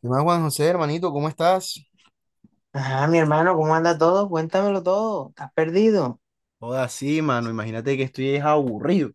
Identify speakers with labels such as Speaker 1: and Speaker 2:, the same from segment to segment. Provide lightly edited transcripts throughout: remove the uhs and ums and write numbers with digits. Speaker 1: ¿Qué más, Juan José, hermanito? ¿Cómo estás?
Speaker 2: Ajá, mi hermano, ¿cómo anda todo? Cuéntamelo todo. ¿Estás perdido?
Speaker 1: Joda, sí, mano, imagínate que estoy es aburrido.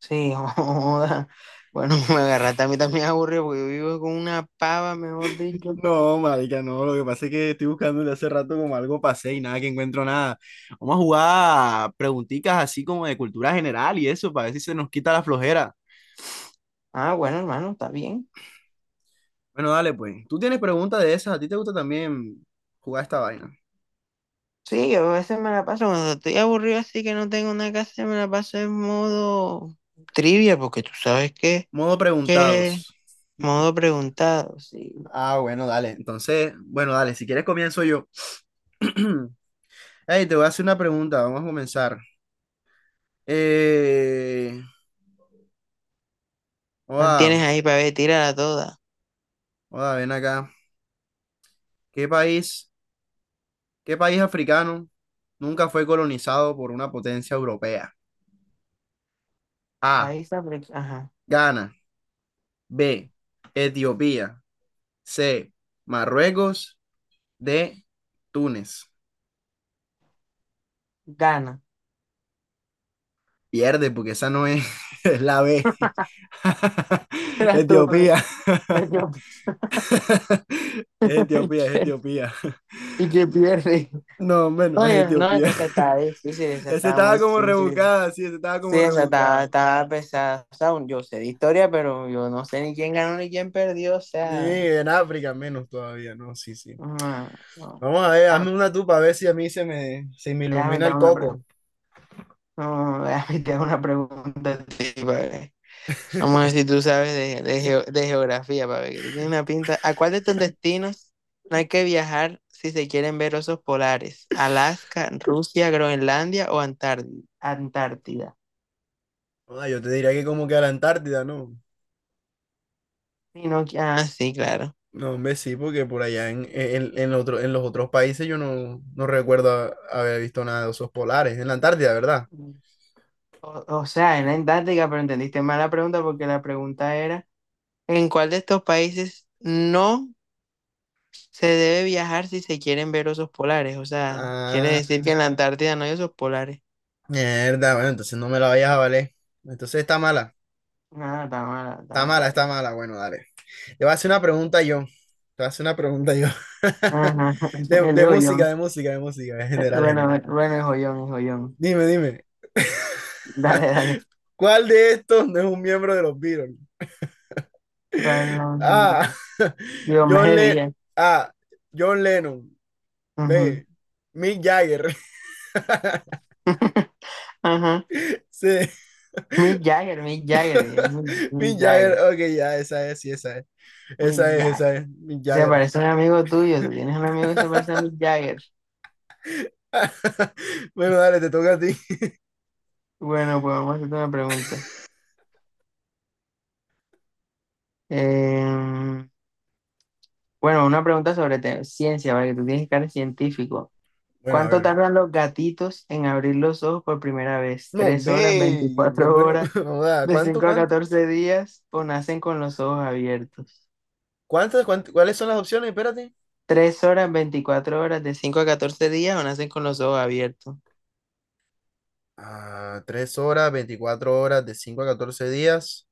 Speaker 2: Sí, joda. Bueno, me agarraste a mí también aburrido porque yo vivo con una pava, mejor dicho.
Speaker 1: No, marica, no, lo que pasa es que estoy buscando desde hace rato como algo pasé y nada que encuentro nada. Vamos a jugar preguntitas así como de cultura general y eso, para ver si se nos quita la flojera.
Speaker 2: Ah, bueno, hermano, está bien.
Speaker 1: Bueno, dale pues. Tú tienes preguntas de esas, a ti te gusta también jugar esta vaina.
Speaker 2: Sí, yo a veces me la paso cuando estoy aburrido así que no tengo nada que hacer, me la paso en modo trivia porque tú sabes que
Speaker 1: Modo
Speaker 2: que
Speaker 1: preguntados.
Speaker 2: modo preguntado. Sí.
Speaker 1: Ah, bueno, dale. Entonces, bueno, dale, si quieres comienzo yo. Hey, te voy a hacer una pregunta, vamos a comenzar. Eh...
Speaker 2: ¿Cuál
Speaker 1: joda,
Speaker 2: tienes ahí para ver? Tírala toda.
Speaker 1: Joda, ven acá. ¿Qué país, qué país africano nunca fue colonizado por una potencia europea? A.
Speaker 2: País africano. Ajá.
Speaker 1: Ghana. B. Etiopía. C. Marruecos. D. Túnez.
Speaker 2: Gana.
Speaker 1: Pierde porque esa no es, es la B.
Speaker 2: Era tú,
Speaker 1: Etiopía.
Speaker 2: el yo.
Speaker 1: Es Etiopía, es Etiopía.
Speaker 2: Y que pierde.
Speaker 1: No, menos es
Speaker 2: Oye, no, es
Speaker 1: Etiopía.
Speaker 2: que eso está difícil, eso
Speaker 1: Esa
Speaker 2: está muy
Speaker 1: estaba como
Speaker 2: difícil.
Speaker 1: rebuscada, sí, esa estaba
Speaker 2: Sí,
Speaker 1: como
Speaker 2: eso está,
Speaker 1: rebuscada.
Speaker 2: está pesado. O sea, yo sé de historia, pero yo no sé ni quién ganó ni quién perdió. O
Speaker 1: Ni
Speaker 2: sea,
Speaker 1: en África menos todavía, no, sí, sí.
Speaker 2: no, no.
Speaker 1: Vamos a ver,
Speaker 2: Ah,
Speaker 1: hazme una tú para ver si a mí se me
Speaker 2: déjame
Speaker 1: ilumina
Speaker 2: te
Speaker 1: el
Speaker 2: hago una
Speaker 1: coco.
Speaker 2: pregunta. No, déjame te hago una pregunta a ti, pa' ver. Vamos a ver si tú sabes de de geografía, para ver que tú tienes una pinta. ¿A cuál de estos destinos no hay que viajar si se quieren ver osos polares? ¿Alaska, Rusia, Groenlandia o Antártida?
Speaker 1: Ah, yo te diría que como que a la Antártida, ¿no?
Speaker 2: Sí, no, ah, sí, claro.
Speaker 1: No, hombre, sí, porque por allá en en los otros países yo no recuerdo haber visto nada de osos polares. En la Antártida, ¿verdad?
Speaker 2: O sea, era en táctica, pero entendiste mal la pregunta porque la pregunta era, ¿en cuál de estos países no se debe viajar si se quieren ver osos polares? O sea, quiere
Speaker 1: Ah,
Speaker 2: decir que en la Antártida no hay osos polares.
Speaker 1: mierda, bueno, entonces no me la vayas a valer. Entonces está mala,
Speaker 2: Ah, está mala, está
Speaker 1: está
Speaker 2: mala,
Speaker 1: mala,
Speaker 2: está
Speaker 1: está
Speaker 2: mala.
Speaker 1: mala. Bueno, dale. Te voy a hacer una pregunta yo. Te voy a hacer una pregunta yo.
Speaker 2: Ajá,
Speaker 1: De,
Speaker 2: el
Speaker 1: de
Speaker 2: joyón.
Speaker 1: música, de música, de música, en general, en
Speaker 2: Bueno,
Speaker 1: general.
Speaker 2: bueno, el joyón, el joyón.
Speaker 1: Dime, dime.
Speaker 2: Dale, dale.
Speaker 1: ¿Cuál de estos no es un miembro de los Beatles?
Speaker 2: ¿Cuál no? ¿No?
Speaker 1: A.
Speaker 2: Yo
Speaker 1: John
Speaker 2: me
Speaker 1: Le-
Speaker 2: ría.
Speaker 1: A. John Lennon. B.
Speaker 2: Ujú.
Speaker 1: Mick Jagger.
Speaker 2: Ajá.
Speaker 1: C.
Speaker 2: Mick Jagger, Mick Jagger, Mick
Speaker 1: Mick
Speaker 2: Mick
Speaker 1: Jagger.
Speaker 2: Jagger,
Speaker 1: Ok, ya, esa es, sí, esa es. Esa
Speaker 2: Mick
Speaker 1: es,
Speaker 2: Jagger.
Speaker 1: esa es. Mick
Speaker 2: Se
Speaker 1: Jagger.
Speaker 2: parece a un amigo tuyo, tú tienes un amigo que se parece a Mick Jagger.
Speaker 1: Bueno, dale, te toca a ti.
Speaker 2: Bueno, pues vamos a hacerte una pregunta. Em, bueno, una pregunta sobre ciencia, ¿vale? Tú tienes que ser científico.
Speaker 1: Bueno, a
Speaker 2: ¿Cuánto
Speaker 1: ver.
Speaker 2: tardan los gatitos en abrir los ojos por primera vez?
Speaker 1: No,
Speaker 2: ¿Tres horas,
Speaker 1: ve.
Speaker 2: 24
Speaker 1: Bueno,
Speaker 2: horas,
Speaker 1: no da.
Speaker 2: de
Speaker 1: ¿Cuánto,
Speaker 2: 5 a
Speaker 1: cuánto?
Speaker 2: 14 días o nacen con los ojos abiertos?
Speaker 1: ¿Cuáles son las opciones? Espérate.
Speaker 2: ¿Tres horas, 24 horas, de 5 a catorce días o nacen con los ojos abiertos?
Speaker 1: Ah, 3 horas, 24 horas, de 5 a 14 días.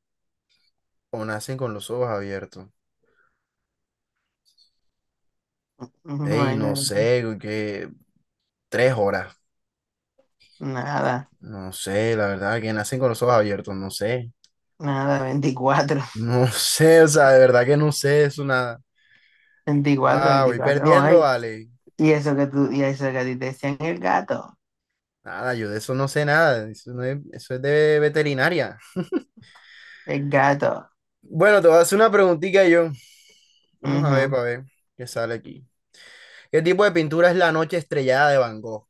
Speaker 1: O nacen con los ojos abiertos.
Speaker 2: No
Speaker 1: Ey,
Speaker 2: hay
Speaker 1: no
Speaker 2: nada,
Speaker 1: sé, que 3 horas.
Speaker 2: nada,
Speaker 1: No sé, la verdad, que nacen con los ojos abiertos, no sé.
Speaker 2: nada, veinticuatro,
Speaker 1: No sé, o sea, de verdad que no sé eso nada.
Speaker 2: veinticuatro,
Speaker 1: Ah, voy
Speaker 2: 24. No,
Speaker 1: perdiendo,
Speaker 2: hay.
Speaker 1: vale.
Speaker 2: Y eso que tú, y eso que a ti te decían el gato,
Speaker 1: Nada, yo de eso no sé nada. Eso, no es, eso es de veterinaria.
Speaker 2: el gato.
Speaker 1: Bueno, te voy a hacer una preguntita yo. Vamos a ver
Speaker 2: Ujú,
Speaker 1: para ver qué sale aquí. ¿Qué tipo de pintura es la noche estrellada de Van Gogh?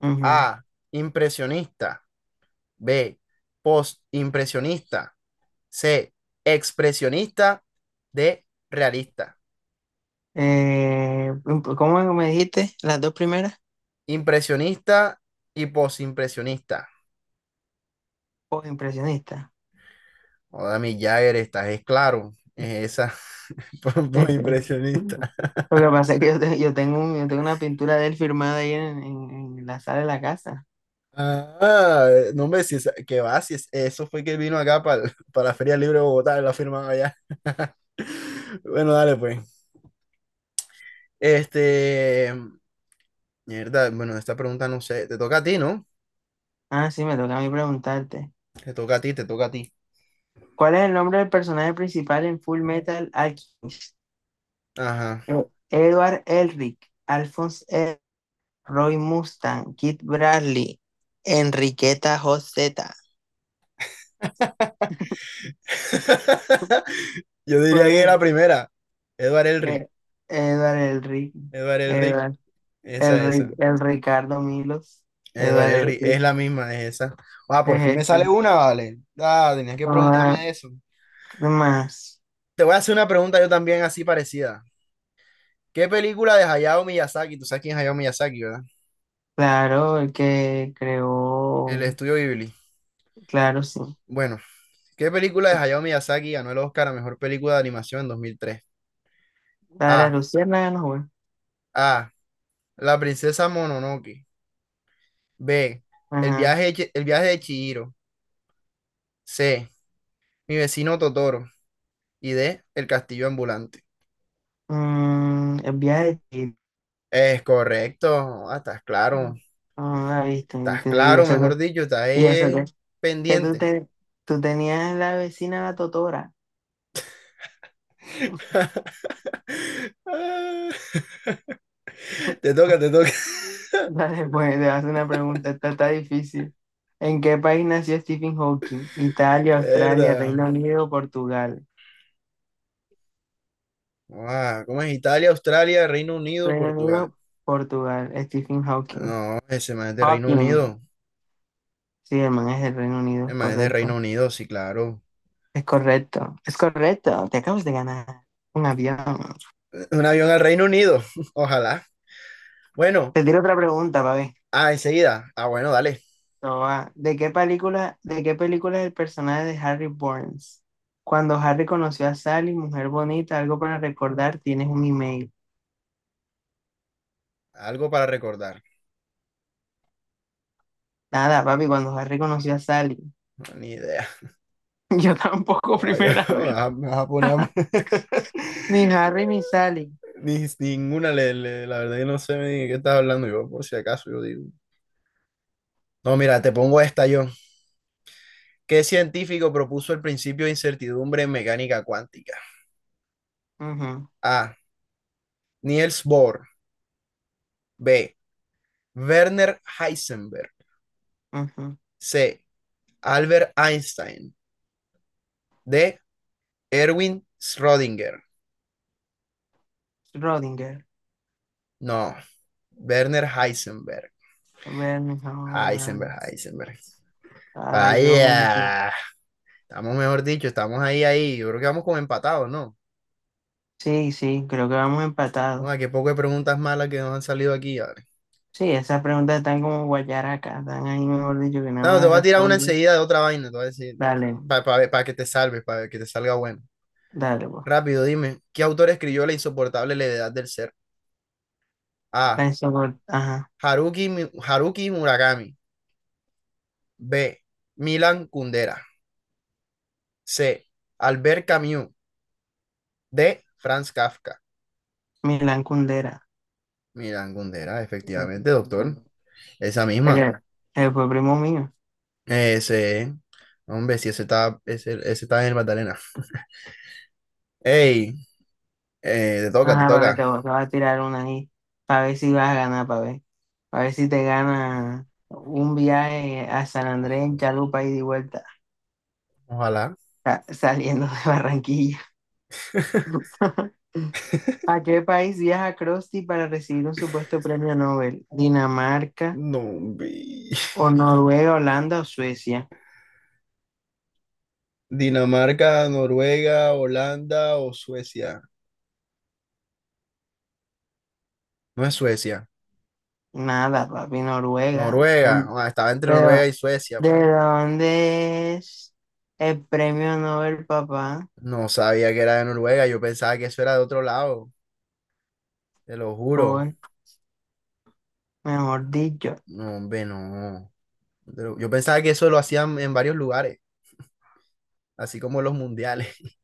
Speaker 2: ujú.
Speaker 1: A. Impresionista. B. Postimpresionista. C. Expresionista. D. Realista.
Speaker 2: ¿Cómo me dijiste? Las dos primeras,
Speaker 1: Impresionista y posimpresionista.
Speaker 2: o impresionista.
Speaker 1: Joder, mi Jagger, estás es claro. Es esa.
Speaker 2: Sí, sí.
Speaker 1: Posimpresionista.
Speaker 2: Lo que pasa es que yo, yo tengo yo tengo una pintura de él firmada ahí en la sala de la casa.
Speaker 1: Ah, no me si que va, si eso fue que vino acá para la Feria Libre de Bogotá, la firmaba allá. Bueno, dale pues. Este, mierda, bueno, esta pregunta no sé, te toca a ti, ¿no?
Speaker 2: Ah, sí, me toca a mí preguntarte.
Speaker 1: Te toca a ti, te toca a ti.
Speaker 2: ¿Cuál es el nombre del personaje principal en Full Metal Alchemist?
Speaker 1: Ajá.
Speaker 2: Eh, Edward Elric, Alphonse Ed, Roy Mustang, Kid Bradley, Enriqueta Joseta.
Speaker 1: Yo diría
Speaker 2: ¿Cuál
Speaker 1: que
Speaker 2: es?
Speaker 1: la primera, Edward Elric.
Speaker 2: eh, Edward el Rick,
Speaker 1: Edward Elric,
Speaker 2: Edward, el
Speaker 1: esa,
Speaker 2: Rick,
Speaker 1: esa.
Speaker 2: el Ricardo Milos,
Speaker 1: Edward
Speaker 2: Edward el
Speaker 1: Elric,
Speaker 2: Rick,
Speaker 1: es la misma, es esa. Ah, por fin
Speaker 2: es
Speaker 1: me sale
Speaker 2: ese.
Speaker 1: una, vale. Ah, tenías que preguntarme
Speaker 2: Ah,
Speaker 1: de eso.
Speaker 2: ¿qué más?
Speaker 1: Te voy a hacer una pregunta yo también así parecida. ¿Qué película de Hayao Miyazaki? Tú sabes quién es Hayao Miyazaki, ¿verdad?
Speaker 2: Claro, el que
Speaker 1: El
Speaker 2: creó,
Speaker 1: estudio Ghibli.
Speaker 2: claro, sí.
Speaker 1: Bueno, ¿qué película de Hayao Miyazaki ganó el Oscar a mejor película de animación en 2003?
Speaker 2: La de la
Speaker 1: A.
Speaker 2: Luciana, no, güey.
Speaker 1: A. La princesa Mononoke. B. El
Speaker 2: Ajá.
Speaker 1: viaje, de Chi- el viaje de Chihiro. C. Mi vecino Totoro y de El Castillo Ambulante.
Speaker 2: El viaje de Chihiro.
Speaker 1: Es correcto, ah,
Speaker 2: No, no la viste,
Speaker 1: estás
Speaker 2: te digo,
Speaker 1: claro, mejor dicho, estás
Speaker 2: y eso que, que tú,
Speaker 1: pendiente.
Speaker 2: tú tenías la vecina, la Totora.
Speaker 1: Ah, te toca, te toca.
Speaker 2: Dale, pues te hace una pregunta, esta está difícil. ¿En qué país nació Stephen Hawking? Italia, Australia,
Speaker 1: Verdad.
Speaker 2: Reino Unido, Portugal.
Speaker 1: Guau, ¿cómo es Italia, Australia, Reino Unido,
Speaker 2: Reino
Speaker 1: Portugal?
Speaker 2: Unido, Portugal, Stephen Hawking.
Speaker 1: No, ese más es de Reino
Speaker 2: Hawking.
Speaker 1: Unido.
Speaker 2: Sí, hermano, es del Reino Unido,
Speaker 1: Ese
Speaker 2: es
Speaker 1: más es de Reino
Speaker 2: correcto.
Speaker 1: Unido, sí, claro.
Speaker 2: Es correcto, es correcto. Te acabas de ganar un avión.
Speaker 1: Un avión al Reino Unido, ojalá. Bueno,
Speaker 2: Te tiro otra pregunta, para ver.
Speaker 1: ah, enseguida. Ah, bueno, dale.
Speaker 2: Esto va. ¿De qué película es el personaje de Harry Burns? Cuando Harry conoció a Sally, mujer bonita, algo para recordar, tienes un email.
Speaker 1: Algo para recordar.
Speaker 2: Nada, papi, cuando Harry conoció a Sally.
Speaker 1: No, ni idea.
Speaker 2: Yo tampoco,
Speaker 1: Ay,
Speaker 2: primera vez.
Speaker 1: ah, me vas a poner.
Speaker 2: Ni Harry ni Sally.
Speaker 1: Ninguna la verdad yo no sé ni de qué estás hablando yo, por si acaso yo digo. No, mira, te pongo esta yo. ¿Qué científico propuso el principio de incertidumbre en mecánica cuántica?
Speaker 2: Ujú,
Speaker 1: A. Niels Bohr. B. Werner Heisenberg.
Speaker 2: ujú.
Speaker 1: C. Albert Einstein. D. Erwin Schrödinger.
Speaker 2: Schrödinger.
Speaker 1: No, Werner Heisenberg.
Speaker 2: A ver, mi ahora.
Speaker 1: Heisenberg, Heisenberg.
Speaker 2: Ay, hombre.
Speaker 1: Vaya. Estamos, mejor dicho, estamos ahí, ahí. Yo creo que vamos como empatados, ¿no?
Speaker 2: Sí, sí, creo que vamos empatados.
Speaker 1: Bueno, qué poco de preguntas malas que nos han salido aquí. Vale.
Speaker 2: Sí, esas preguntas están como guayaracas, están ahí, mejor dicho, que nada más
Speaker 1: No, te
Speaker 2: las
Speaker 1: voy a tirar una
Speaker 2: responde.
Speaker 1: enseguida de otra vaina, te voy a decir,
Speaker 2: Dale,
Speaker 1: para que te salves, para que te salga bueno.
Speaker 2: dale, pues.
Speaker 1: Rápido, dime, ¿qué autor escribió La insoportable levedad del ser? A.
Speaker 2: Ajá,
Speaker 1: Haruki Murakami. B. Milan Kundera. C. Albert Camus. D. Franz Kafka.
Speaker 2: Milán Kundera.
Speaker 1: Milan Kundera, efectivamente, doctor. Esa misma.
Speaker 2: Él fue primo mío.
Speaker 1: Ese, hombre, sí ese está, ese está en el Magdalena. Hey, te toca, te
Speaker 2: Ajá, para ver,
Speaker 1: toca.
Speaker 2: te voy a tirar una ahí, para ver si vas a ganar, para ver. Para ver si te gana un viaje a San Andrés en chalupa y de vuelta,
Speaker 1: Ojalá.
Speaker 2: saliendo de Barranquilla. ¿A qué país viaja Krusty para recibir un supuesto premio Nobel? ¿Dinamarca
Speaker 1: No.
Speaker 2: o Noruega, Holanda o Suecia?
Speaker 1: Dinamarca, Noruega, Holanda o Suecia. No es Suecia.
Speaker 2: Nada, papi, Noruega.
Speaker 1: Noruega. Ah, estaba entre
Speaker 2: ¿De, dó-
Speaker 1: Noruega y Suecia, pa.
Speaker 2: de dónde es el premio Nobel, papá?
Speaker 1: No sabía que era de Noruega. Yo pensaba que eso era de otro lado. Te lo juro.
Speaker 2: Por, mejor dicho.
Speaker 1: No, hombre, no. Pero yo pensaba que eso lo hacían en varios lugares, así como los mundiales.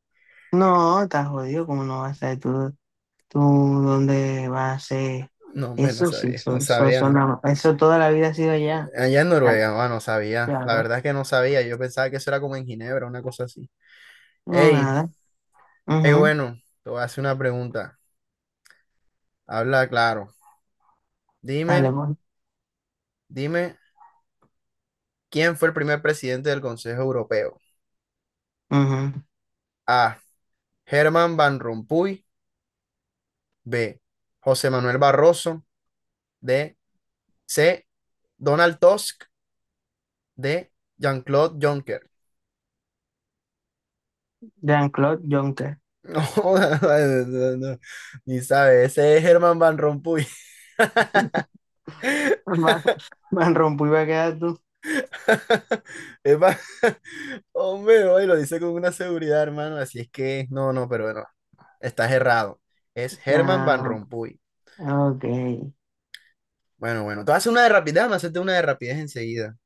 Speaker 2: No, estás jodido, ¿cómo no vas a ser tú, dónde vas a ser
Speaker 1: No, hombre, no
Speaker 2: eso, sí,
Speaker 1: sabía.
Speaker 2: eso,
Speaker 1: No
Speaker 2: eso,
Speaker 1: sabía, ¿no?
Speaker 2: eso toda la vida ha sido allá.
Speaker 1: Allá en
Speaker 2: Está
Speaker 1: Noruega, ah, no sabía. La
Speaker 2: claro,
Speaker 1: verdad es que no sabía. Yo pensaba que eso era como en Ginebra, una cosa así.
Speaker 2: no
Speaker 1: Hey,
Speaker 2: nada, ujú,
Speaker 1: Bueno, te voy a hacer una pregunta. Habla claro.
Speaker 2: dale,
Speaker 1: Dime,
Speaker 2: bueno,
Speaker 1: dime, ¿quién fue el primer presidente del Consejo Europeo?
Speaker 2: ujú.
Speaker 1: A. Germán Van Rompuy. B. José Manuel Barroso. D. C. Donald Tusk. D. Jean-Claude Juncker.
Speaker 2: Jean-Claude Juncker,
Speaker 1: No, no, no, no, ni sabe, ese es Germán Van Rompuy.
Speaker 2: Van, Van Rompuy va a quedar tú,
Speaker 1: Es va- Hombre, hoy lo dice con una seguridad, hermano, así es que, no, no, pero bueno, estás errado. Es Germán Van
Speaker 2: ah,
Speaker 1: Rompuy.
Speaker 2: ok,
Speaker 1: Bueno, bueno, te voy a hacer una de rapidez, déjame hacerte una de rapidez enseguida.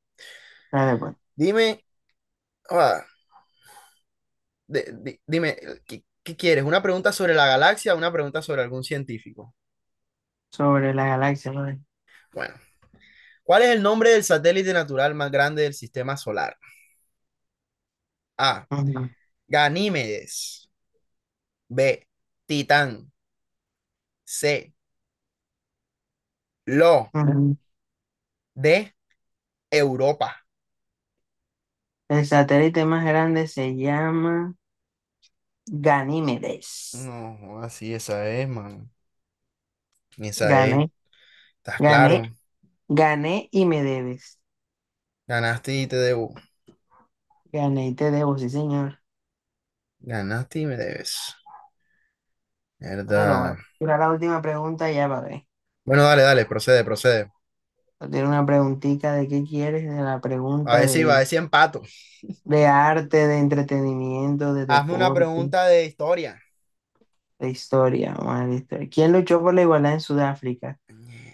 Speaker 2: dale, pues,
Speaker 1: Dime, ah, de- di- dime, ¿Qué quieres? ¿Una pregunta sobre la galaxia o una pregunta sobre algún científico?
Speaker 2: sobre la galaxia, pues.
Speaker 1: Bueno, ¿cuál es el nombre del satélite natural más grande del sistema solar? A.
Speaker 2: Ujú,
Speaker 1: Ganímedes. B. Titán. C. Lo.
Speaker 2: ujú.
Speaker 1: D. Europa.
Speaker 2: El satélite más grande se llama Ganímedes,
Speaker 1: No, así esa es, man. Esa es.
Speaker 2: gané,
Speaker 1: ¿Estás
Speaker 2: gané,
Speaker 1: claro?
Speaker 2: gané y me debes.
Speaker 1: Ganaste y te debo.
Speaker 2: Gané y te debo, sí, señor.
Speaker 1: Ganaste y me debes.
Speaker 2: Bueno,
Speaker 1: Verdad.
Speaker 2: bueno. Tira la última pregunta ya para ver.
Speaker 1: Bueno, dale, dale, procede, procede.
Speaker 2: Tiene una preguntita de qué quieres, de la
Speaker 1: A
Speaker 2: pregunta
Speaker 1: ver si, a ver si empato.
Speaker 2: de arte, de entretenimiento, de
Speaker 1: Hazme una
Speaker 2: deporte,
Speaker 1: pregunta de historia.
Speaker 2: de historia. Vamos a ver de historia. ¿Quién luchó por la igualdad en Sudáfrica?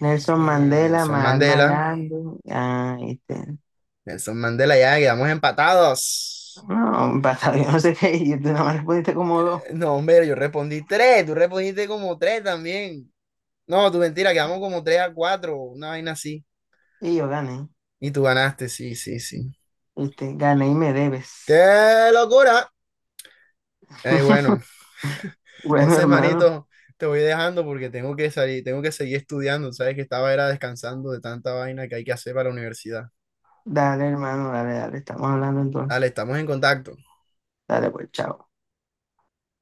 Speaker 2: Nelson Mandela,
Speaker 1: Nelson
Speaker 2: Mahatma
Speaker 1: Mandela.
Speaker 2: Gandhi. Ah, este.
Speaker 1: Nelson Mandela, ya quedamos empatados.
Speaker 2: No, basta, yo no sé qué. Y tú nada más respondiste como dos.
Speaker 1: No, hombre, yo respondí tres. Tú respondiste como tres también. No, tu mentira, quedamos como tres a cuatro. Una vaina así.
Speaker 2: Y yo gané.
Speaker 1: Y tú ganaste, sí, sí, sí.
Speaker 2: Este, gané y me debes.
Speaker 1: ¡Qué locura! Ay, bueno,
Speaker 2: Bueno,
Speaker 1: entonces,
Speaker 2: hermano.
Speaker 1: manito, te voy dejando porque tengo que salir, tengo que seguir estudiando. Sabes que estaba era descansando de tanta vaina que hay que hacer para la universidad.
Speaker 2: Dale, hermano, dale, dale. Estamos hablando entonces.
Speaker 1: Dale, estamos en contacto.
Speaker 2: Dale, pues, chao.